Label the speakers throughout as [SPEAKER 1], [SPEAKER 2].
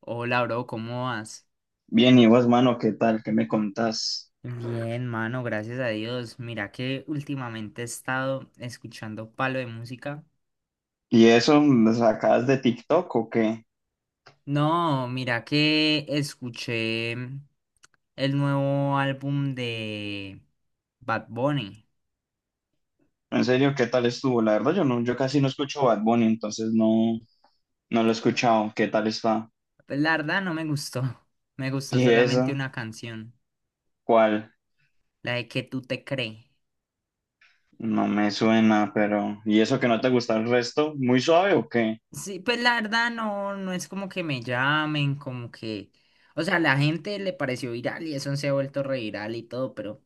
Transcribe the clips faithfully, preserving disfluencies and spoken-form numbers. [SPEAKER 1] Hola, bro, ¿cómo vas?
[SPEAKER 2] Bien, y vos, mano, ¿qué tal? ¿Qué me contás?
[SPEAKER 1] Bien, mano, gracias a Dios. Mira que últimamente he estado escuchando palo de música.
[SPEAKER 2] ¿Y eso lo sacás de TikTok o qué?
[SPEAKER 1] No, mira que escuché mm, el nuevo álbum de Bad Bunny.
[SPEAKER 2] En serio, ¿qué tal estuvo? La verdad, yo no, yo casi no escucho Bad Bunny, entonces no, no lo he escuchado. ¿Qué tal está?
[SPEAKER 1] Pues la verdad no me gustó. Me gustó
[SPEAKER 2] ¿Y
[SPEAKER 1] solamente
[SPEAKER 2] eso?
[SPEAKER 1] una canción,
[SPEAKER 2] ¿Cuál?
[SPEAKER 1] la de que tú te crees.
[SPEAKER 2] No me suena, pero. ¿Y eso que no te gusta el resto? ¿Muy suave o qué?
[SPEAKER 1] Sí, pues la verdad no, no es como que me llamen, como que. O sea, la gente le pareció viral y eso se ha vuelto reviral y todo, pero.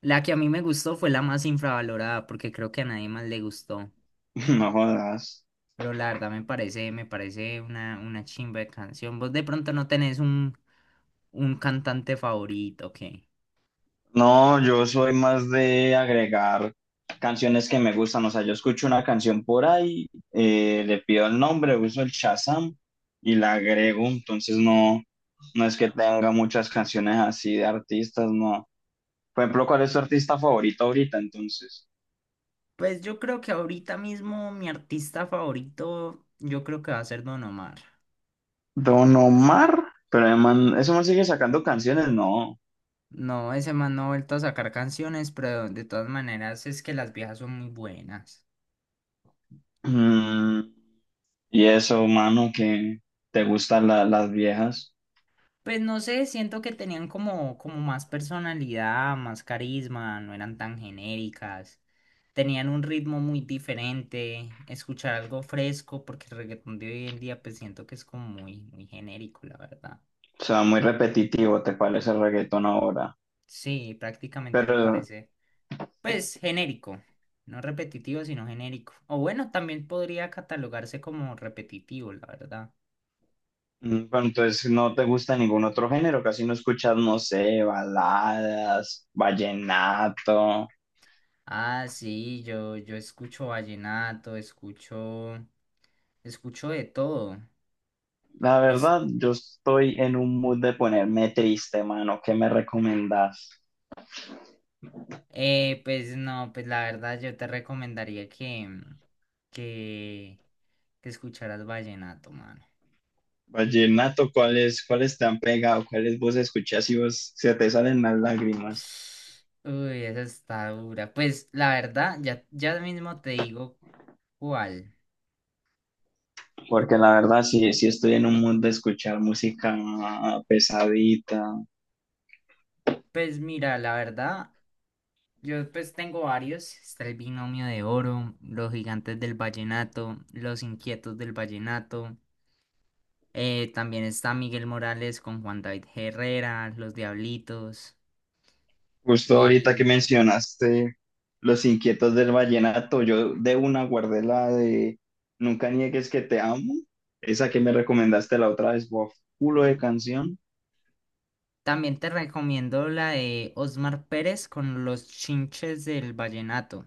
[SPEAKER 1] La que a mí me gustó fue la más infravalorada, porque creo que a nadie más le gustó.
[SPEAKER 2] No jodas.
[SPEAKER 1] Pero la verdad me parece, me parece una, una chimba de canción. Vos de pronto no tenés un, un cantante favorito, ¿qué?
[SPEAKER 2] No, yo soy más de agregar canciones que me gustan. O sea, yo escucho una canción por ahí, eh, le pido el nombre, uso el Shazam y la agrego. Entonces no, no es que tenga muchas canciones así de artistas, no. Por ejemplo, ¿cuál es tu artista favorito ahorita entonces?
[SPEAKER 1] Pues yo creo que ahorita mismo mi artista favorito, yo creo que va a ser Don Omar.
[SPEAKER 2] Don Omar, pero el man, ¿eso man sigue sacando canciones? No.
[SPEAKER 1] No, ese man no ha vuelto a sacar canciones, pero de todas maneras es que las viejas son muy buenas.
[SPEAKER 2] Mm, y eso, mano, que te gustan la- las viejas.
[SPEAKER 1] Pues no sé, siento que tenían como, como más personalidad, más carisma, no eran tan genéricas. Tenían un ritmo muy diferente, escuchar algo fresco, porque el reggaetón de hoy en día pues siento que es como muy, muy genérico, la verdad.
[SPEAKER 2] O sea, muy repetitivo, ¿te parece el reggaetón ahora?
[SPEAKER 1] Sí, prácticamente me
[SPEAKER 2] Pero,
[SPEAKER 1] parece, pues genérico, no repetitivo, sino genérico. O bueno, también podría catalogarse como repetitivo, la verdad.
[SPEAKER 2] mm, pero entonces no te gusta ningún otro género, casi no escuchas, no sé, baladas, vallenato.
[SPEAKER 1] Ah, sí, yo, yo escucho vallenato, escucho, escucho de todo.
[SPEAKER 2] La
[SPEAKER 1] Es,
[SPEAKER 2] verdad, yo estoy en un mood de ponerme triste, mano. ¿Qué me recomendás?
[SPEAKER 1] eh, pues no, pues la verdad yo te recomendaría que, que que escucharas vallenato, mano.
[SPEAKER 2] Vallenato, ¿cuáles, cuáles te han pegado? ¿Cuáles vos escuchás y vos se te salen las lágrimas?
[SPEAKER 1] Uy, esa está dura. Pues la verdad, ya, ya mismo te digo cuál.
[SPEAKER 2] Porque la verdad, sí, sí estoy en un mood de escuchar música ah, pesadita.
[SPEAKER 1] Pues mira, la verdad, yo pues tengo varios. Está el Binomio de Oro, Los Gigantes del Vallenato, Los Inquietos del Vallenato. Eh, también está Miguel Morales con Juan David Herrera, Los Diablitos.
[SPEAKER 2] Justo ahorita que
[SPEAKER 1] Y
[SPEAKER 2] mencionaste Los Inquietos del Vallenato, yo de una guardé la de Nunca niegues que te amo, esa que me recomendaste la otra vez, bof, culo de
[SPEAKER 1] uh,
[SPEAKER 2] canción.
[SPEAKER 1] también te recomiendo la de Osmar Pérez con Los Chinches del Vallenato.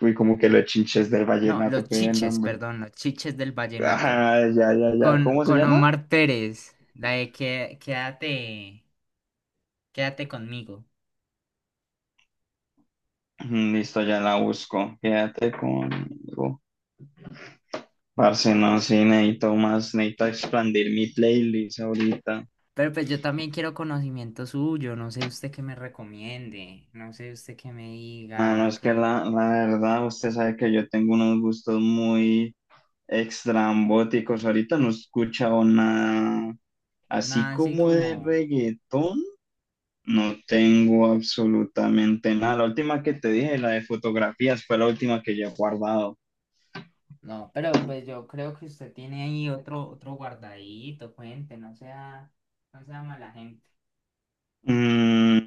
[SPEAKER 2] Fui como que los chinches del
[SPEAKER 1] No,
[SPEAKER 2] vallenato,
[SPEAKER 1] los
[SPEAKER 2] qué
[SPEAKER 1] chiches,
[SPEAKER 2] nombre.
[SPEAKER 1] perdón, los chiches del vallenato.
[SPEAKER 2] Ah, ya, ya, ya.
[SPEAKER 1] Con,
[SPEAKER 2] ¿Cómo se
[SPEAKER 1] con
[SPEAKER 2] llama?
[SPEAKER 1] Omar Pérez, la de que, quédate, quédate conmigo.
[SPEAKER 2] Mm, listo, ya la busco. Quédate conmigo. Parce, no, sí, necesito más, necesito expandir mi playlist ahorita.
[SPEAKER 1] Pero pues yo también quiero conocimiento suyo, no sé usted qué me recomiende, no sé usted qué me
[SPEAKER 2] Mano,
[SPEAKER 1] diga,
[SPEAKER 2] es que
[SPEAKER 1] que
[SPEAKER 2] la, la verdad, usted sabe que yo tengo unos gustos muy extrambóticos. Ahorita no he escuchado nada así
[SPEAKER 1] nada así
[SPEAKER 2] como de
[SPEAKER 1] como,
[SPEAKER 2] reggaetón. No tengo absolutamente nada. La última que te dije, la de fotografías, fue la última que yo he guardado.
[SPEAKER 1] no, pero pues yo creo que usted tiene ahí otro, otro guardadito, cuente, no sea, no sea mala gente.
[SPEAKER 2] Mm,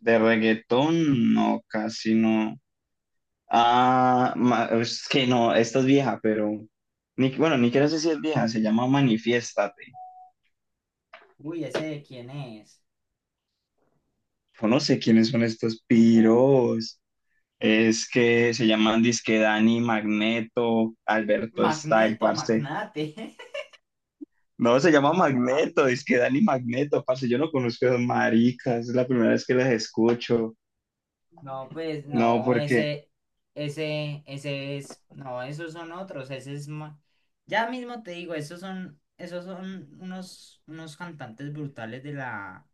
[SPEAKER 2] de reggaetón, no, casi no. Ah, ma- es que no, esta es vieja, pero ni, bueno, ni quiero decir si es vieja, se llama Manifiéstate.
[SPEAKER 1] Uy, ¿ese de quién es?
[SPEAKER 2] Yo no sé quiénes son estos piros. Es que se llaman disque Dani Magneto, Alberto Style,
[SPEAKER 1] Magneto,
[SPEAKER 2] parce.
[SPEAKER 1] magnate.
[SPEAKER 2] No, se llama Magneto, disque Dani Magneto, parce. Yo no conozco a esos maricas, es la primera vez que las escucho.
[SPEAKER 1] No, pues
[SPEAKER 2] No,
[SPEAKER 1] no,
[SPEAKER 2] porque.
[SPEAKER 1] ese, ese, ese es, no, esos son otros, ese es ma- ya mismo te digo, esos son, esos son unos, unos cantantes brutales de la,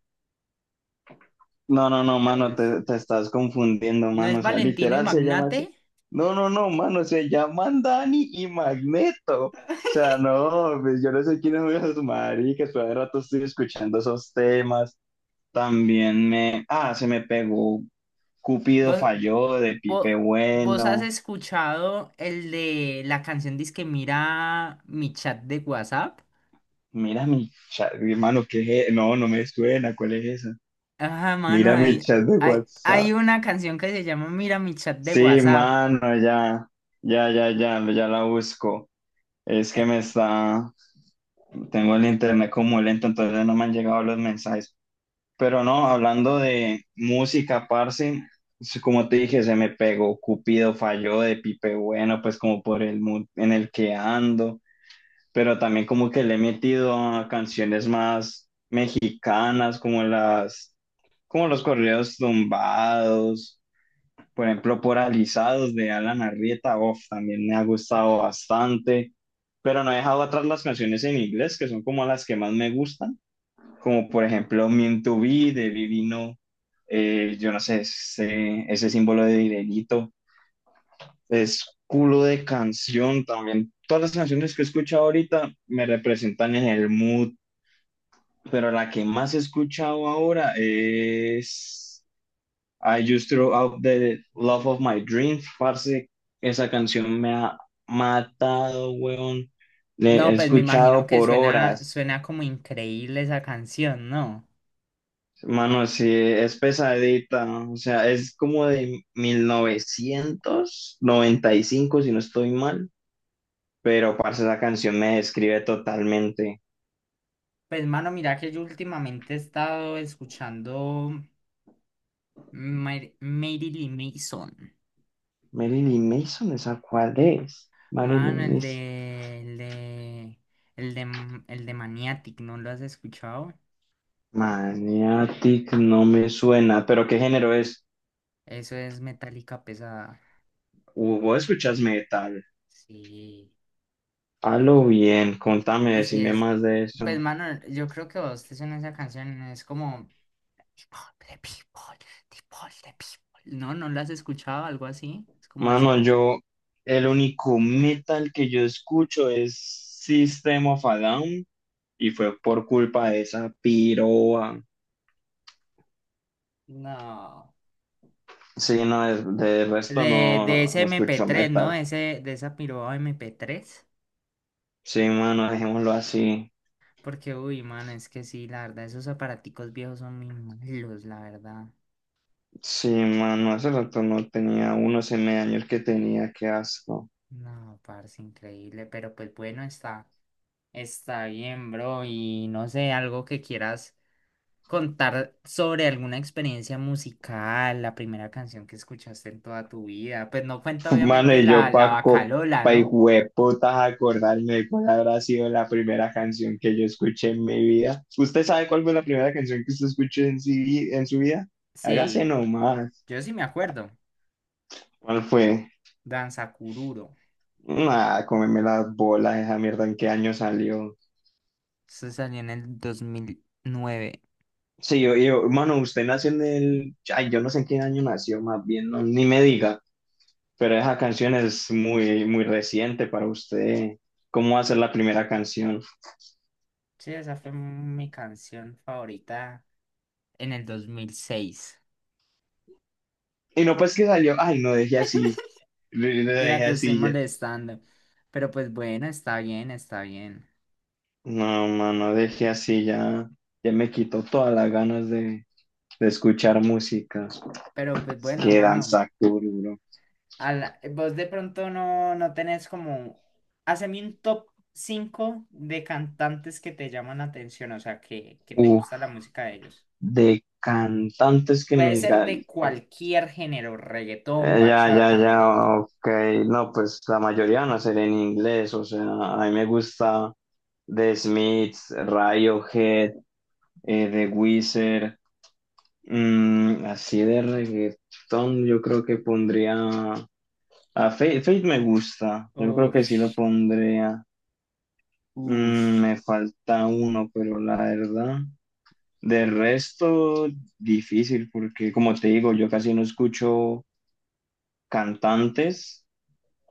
[SPEAKER 2] No, no, no,
[SPEAKER 1] de la vieja
[SPEAKER 2] mano,
[SPEAKER 1] es-
[SPEAKER 2] te, te estás confundiendo,
[SPEAKER 1] ¿No
[SPEAKER 2] mano.
[SPEAKER 1] es
[SPEAKER 2] O sea,
[SPEAKER 1] Valentino y
[SPEAKER 2] literal se llama así.
[SPEAKER 1] Magnate?
[SPEAKER 2] No, no, no, mano, se llaman Dani y Magneto. O sea, no, pues yo no sé quiénes son esos maricas, pero de rato estoy escuchando esos temas. También me, ah, se me pegó Cupido
[SPEAKER 1] ¿Vos,
[SPEAKER 2] falló de Pipe
[SPEAKER 1] vos, vos has
[SPEAKER 2] Bueno.
[SPEAKER 1] escuchado el de la canción Disque mira mi chat de WhatsApp?
[SPEAKER 2] Mira mi chat, mi hermano, ¿qué es? e- No, no me suena, ¿cuál es esa?
[SPEAKER 1] Ajá, mano,
[SPEAKER 2] Mira mi
[SPEAKER 1] hay,
[SPEAKER 2] chat de
[SPEAKER 1] hay, hay
[SPEAKER 2] WhatsApp.
[SPEAKER 1] una canción que se llama Mira mi chat de
[SPEAKER 2] Sí,
[SPEAKER 1] WhatsApp.
[SPEAKER 2] mano, ya, ya, ya, ya, ya la busco. Es que
[SPEAKER 1] Eh,
[SPEAKER 2] me está, tengo el internet como lento, entonces no me han llegado los mensajes. Pero no, hablando de música, parce, sí, como te dije, se me pegó Cupido falló de Pipe Bueno, pues como por el mood en el que ando. Pero también como que le he metido a canciones más quicanas, como las, como los corridos tumbados, por ejemplo, poralizados de Alan Arrieta, uf, también me ha gustado bastante, pero no he dejado atrás las canciones en inglés, que son como las que más me gustan, como por ejemplo Mean to Be de Vivino, eh, yo no sé, ese, ese símbolo de dinerito es culo de canción también. Todas las canciones que he escuchado ahorita me representan en el mood, pero la que más he escuchado ahora es I Just Threw Out the Love of My Dreams, parce. Esa canción me ha matado, weón. Le he
[SPEAKER 1] No, pues me imagino
[SPEAKER 2] escuchado
[SPEAKER 1] que
[SPEAKER 2] por
[SPEAKER 1] suena,
[SPEAKER 2] horas.
[SPEAKER 1] suena como increíble esa canción, ¿no?
[SPEAKER 2] Mano, sí, es pesadita. O sea, es como de mil novecientos noventa y cinco, si no estoy mal. Pero, parce, esa canción me describe totalmente.
[SPEAKER 1] Pues mano, mira que yo últimamente he estado escuchando Mar- Marilyn Mason.
[SPEAKER 2] Marilyn Mason, ¿esa cuál es?
[SPEAKER 1] Mano,
[SPEAKER 2] Marilyn
[SPEAKER 1] el
[SPEAKER 2] Mason.
[SPEAKER 1] de, el de, el de, el de Maniatic, ¿no lo has escuchado?
[SPEAKER 2] Maniatic no me suena, pero ¿qué género es?
[SPEAKER 1] Eso es metálica pesada.
[SPEAKER 2] Uh, ¿Vos escuchas metal?
[SPEAKER 1] Sí,
[SPEAKER 2] Halo bien, contame,
[SPEAKER 1] sí
[SPEAKER 2] decime
[SPEAKER 1] es.
[SPEAKER 2] más de
[SPEAKER 1] Pues
[SPEAKER 2] eso.
[SPEAKER 1] mano, yo creo que vos te suena esa canción, es como People, the people, the people, the people. No, ¿no la has escuchado? Algo así, es como
[SPEAKER 2] Mano,
[SPEAKER 1] así.
[SPEAKER 2] yo, el único metal que yo escucho es System of a Down y fue por culpa de esa piroa.
[SPEAKER 1] No.
[SPEAKER 2] Sí, no, de, de resto
[SPEAKER 1] De, de
[SPEAKER 2] no,
[SPEAKER 1] ese
[SPEAKER 2] no
[SPEAKER 1] mp
[SPEAKER 2] escucho
[SPEAKER 1] tres, ¿no?
[SPEAKER 2] metal.
[SPEAKER 1] Ese, de esa piroba mp tres.
[SPEAKER 2] Sí, mano, dejémoslo así.
[SPEAKER 1] Porque, uy, mano, es que sí, la verdad, esos aparaticos viejos son muy malos, la verdad.
[SPEAKER 2] Sí, mano, hace rato no tenía unos M años que tenía, qué asco.
[SPEAKER 1] No, parce, increíble. Pero pues bueno, está, está bien, bro. Y no sé, algo que quieras contar sobre alguna experiencia musical, la primera canción que escuchaste en toda tu vida. Pues no cuenta,
[SPEAKER 2] Mano,
[SPEAKER 1] obviamente,
[SPEAKER 2] y yo,
[SPEAKER 1] la, la
[SPEAKER 2] Paco,
[SPEAKER 1] Bacalola,
[SPEAKER 2] pa'
[SPEAKER 1] ¿no?
[SPEAKER 2] hijo de putas, acordarme de cuál habrá sido la primera canción que yo escuché en mi vida. ¿Usted sabe cuál fue la primera canción que usted escuchó en, su vi- en su vida? Hágase
[SPEAKER 1] Sí,
[SPEAKER 2] nomás.
[SPEAKER 1] yo sí me acuerdo.
[SPEAKER 2] ¿Cuál fue?
[SPEAKER 1] Danza Cururo.
[SPEAKER 2] Nada, cómeme las bolas, esa mierda, ¿en qué año salió?
[SPEAKER 1] Eso salió en el dos mil nueve.
[SPEAKER 2] Sí, yo, yo, mano, usted nació en el. Ay, yo no sé en qué año nació, más bien, no, ni me diga. Pero esa canción es muy, muy reciente para usted. ¿Cómo va a ser la primera canción?
[SPEAKER 1] Sí, esa fue mi canción favorita en el dos mil seis.
[SPEAKER 2] Y no, pues que salió. Ay, no dejé así. No
[SPEAKER 1] Mentira,
[SPEAKER 2] dejé
[SPEAKER 1] te estoy
[SPEAKER 2] así ya.
[SPEAKER 1] molestando. Pero pues bueno, está bien, está bien.
[SPEAKER 2] No, mano, dejé así ya. Ya me quitó todas las ganas de, de escuchar música.
[SPEAKER 1] Pero pues
[SPEAKER 2] Es
[SPEAKER 1] bueno,
[SPEAKER 2] que
[SPEAKER 1] mano,
[SPEAKER 2] danza duro.
[SPEAKER 1] a la- vos de pronto no, no tenés como. Haceme un top cinco de cantantes que te llaman la atención, o sea, que, que te
[SPEAKER 2] Uf,
[SPEAKER 1] gusta la música de ellos.
[SPEAKER 2] de cantantes que me
[SPEAKER 1] Puede ser
[SPEAKER 2] digan.
[SPEAKER 1] de
[SPEAKER 2] eh,
[SPEAKER 1] cualquier género, reggaetón,
[SPEAKER 2] Ya, ya,
[SPEAKER 1] bachata, merengue.
[SPEAKER 2] ya, ok. No, pues la mayoría no será en inglés. O sea, a mí me gusta The Smiths, Radiohead. eh, de Weezer, mm, así de reggaetón, yo creo que pondría a Faith, Faith me gusta, yo creo que sí lo
[SPEAKER 1] Ush,
[SPEAKER 2] pondría. Mm,
[SPEAKER 1] ush.
[SPEAKER 2] me falta uno, pero la verdad, de resto, difícil, porque como te digo, yo casi no escucho cantantes,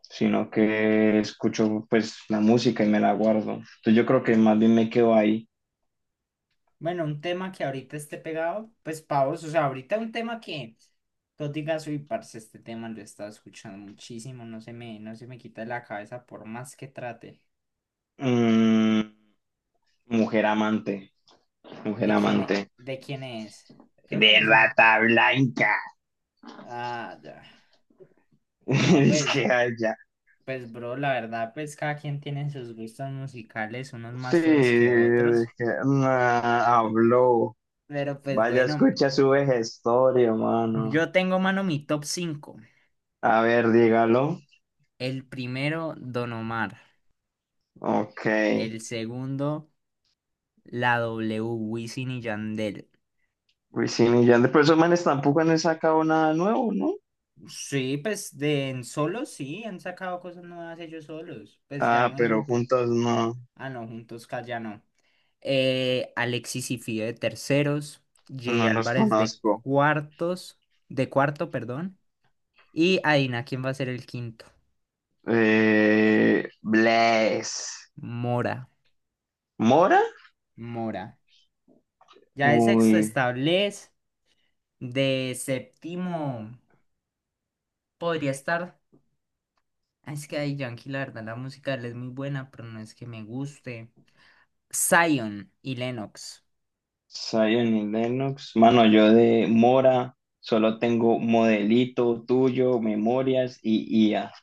[SPEAKER 2] sino que escucho pues la música y me la guardo, entonces yo creo que más bien me quedo ahí.
[SPEAKER 1] Bueno, un tema que ahorita esté pegado, pues pavos, o sea, ahorita un tema que tú digas, uy, parce, este tema lo he estado escuchando muchísimo, no se me, no se me quita de la cabeza por más que trate.
[SPEAKER 2] Mm, Mujer amante, mujer
[SPEAKER 1] ¿De quién es?
[SPEAKER 2] amante.
[SPEAKER 1] ¿De quién es? Creo que
[SPEAKER 2] De
[SPEAKER 1] me suena.
[SPEAKER 2] Rata Blanca.
[SPEAKER 1] Ah, ya. No,
[SPEAKER 2] Es
[SPEAKER 1] pues,
[SPEAKER 2] que allá.
[SPEAKER 1] pues, bro, la verdad, pues cada quien tiene sus gustos musicales, unos
[SPEAKER 2] Sí,
[SPEAKER 1] más feos que
[SPEAKER 2] es
[SPEAKER 1] otros.
[SPEAKER 2] que, nah, habló.
[SPEAKER 1] Pero pues
[SPEAKER 2] Vaya,
[SPEAKER 1] bueno,
[SPEAKER 2] escucha su vejestorio, mano.
[SPEAKER 1] yo tengo, mano, mi top cinco.
[SPEAKER 2] A ver, dígalo.
[SPEAKER 1] El primero, Don Omar.
[SPEAKER 2] Ok.
[SPEAKER 1] El segundo. La W, Wisin y Yandel.
[SPEAKER 2] Uy, sí, millón de personas tampoco han sacado nada nuevo, ¿no?
[SPEAKER 1] Sí, pues de en solo sí, han sacado cosas nuevas ellos solos. Pues ya
[SPEAKER 2] Ah,
[SPEAKER 1] no en
[SPEAKER 2] pero
[SPEAKER 1] grupo.
[SPEAKER 2] juntos no,
[SPEAKER 1] Ah, no, juntos ca- ya no. Eh, Alexis y Fido de terceros. Jay
[SPEAKER 2] no los
[SPEAKER 1] Álvarez de
[SPEAKER 2] conozco.
[SPEAKER 1] cuartos. De cuarto, perdón. Y adivina quién va a ser el quinto.
[SPEAKER 2] Eh, Bless.
[SPEAKER 1] Mora.
[SPEAKER 2] ¿Mora?
[SPEAKER 1] Mora. Ya de sexto
[SPEAKER 2] Uy,
[SPEAKER 1] está Bless. De séptimo podría estar. ah, Es que ahí Yankee, la verdad, la música de él es muy buena, pero no es que me guste. Zion y Lennox.
[SPEAKER 2] Zion y Lennox. Mano, yo de Mora solo tengo modelito tuyo, memorias y I A.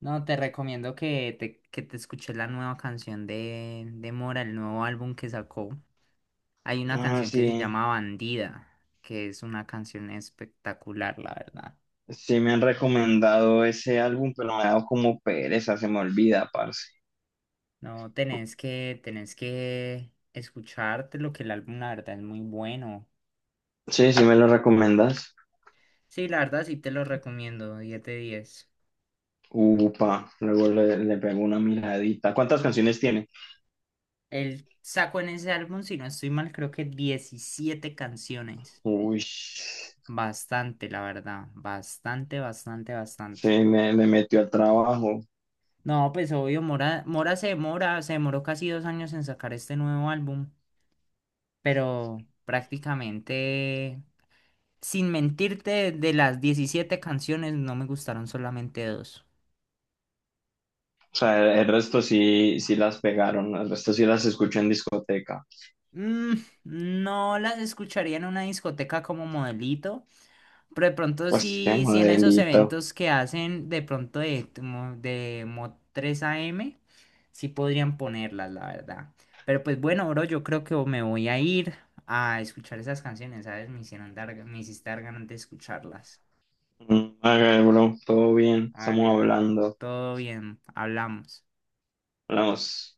[SPEAKER 1] No, te recomiendo que te, que te escuches la nueva canción de, de Mora, el nuevo álbum que sacó. Hay una
[SPEAKER 2] Ah,
[SPEAKER 1] canción
[SPEAKER 2] sí,
[SPEAKER 1] que se llama Bandida, que es una canción espectacular, la verdad.
[SPEAKER 2] sí me han recomendado ese álbum, pero me ha dado como pereza, se me olvida, parce.
[SPEAKER 1] No, tenés que, tenés que escucharte lo que el álbum, la verdad, es muy bueno.
[SPEAKER 2] Sí, sí me lo recomendas.
[SPEAKER 1] Sí, la verdad, sí te lo recomiendo, diez de diez.
[SPEAKER 2] Upa, luego le, le pego una miradita. ¿Cuántas canciones tiene?
[SPEAKER 1] Él sacó en ese álbum, si no estoy mal, creo que diecisiete canciones.
[SPEAKER 2] Uy, sí,
[SPEAKER 1] Bastante, la verdad. Bastante, bastante, bastante.
[SPEAKER 2] me, me metió al trabajo.
[SPEAKER 1] No, pues obvio, Mora, Mora se demora, se demoró casi dos años en sacar este nuevo álbum, pero prácticamente, sin mentirte, de las diecisiete canciones no me gustaron solamente dos.
[SPEAKER 2] O sea, el, el resto sí, sí las pegaron, el resto sí las escucho en discoteca.
[SPEAKER 1] Mm, no las escucharía en una discoteca como modelito. Pero de pronto
[SPEAKER 2] Pues qué
[SPEAKER 1] sí, sí en esos
[SPEAKER 2] modelito.
[SPEAKER 1] eventos que hacen de pronto de, mo- de Mod tres A M, sí podrían ponerlas, la verdad. Pero pues bueno, bro, yo creo que me voy a ir a escuchar esas canciones, ¿sabes? Me hicieron dar, me hiciste dar ganas de escucharlas.
[SPEAKER 2] Mm, ok, bro, todo bien, estamos
[SPEAKER 1] Vale, bro,
[SPEAKER 2] hablando.
[SPEAKER 1] todo bien, hablamos.
[SPEAKER 2] Hablamos.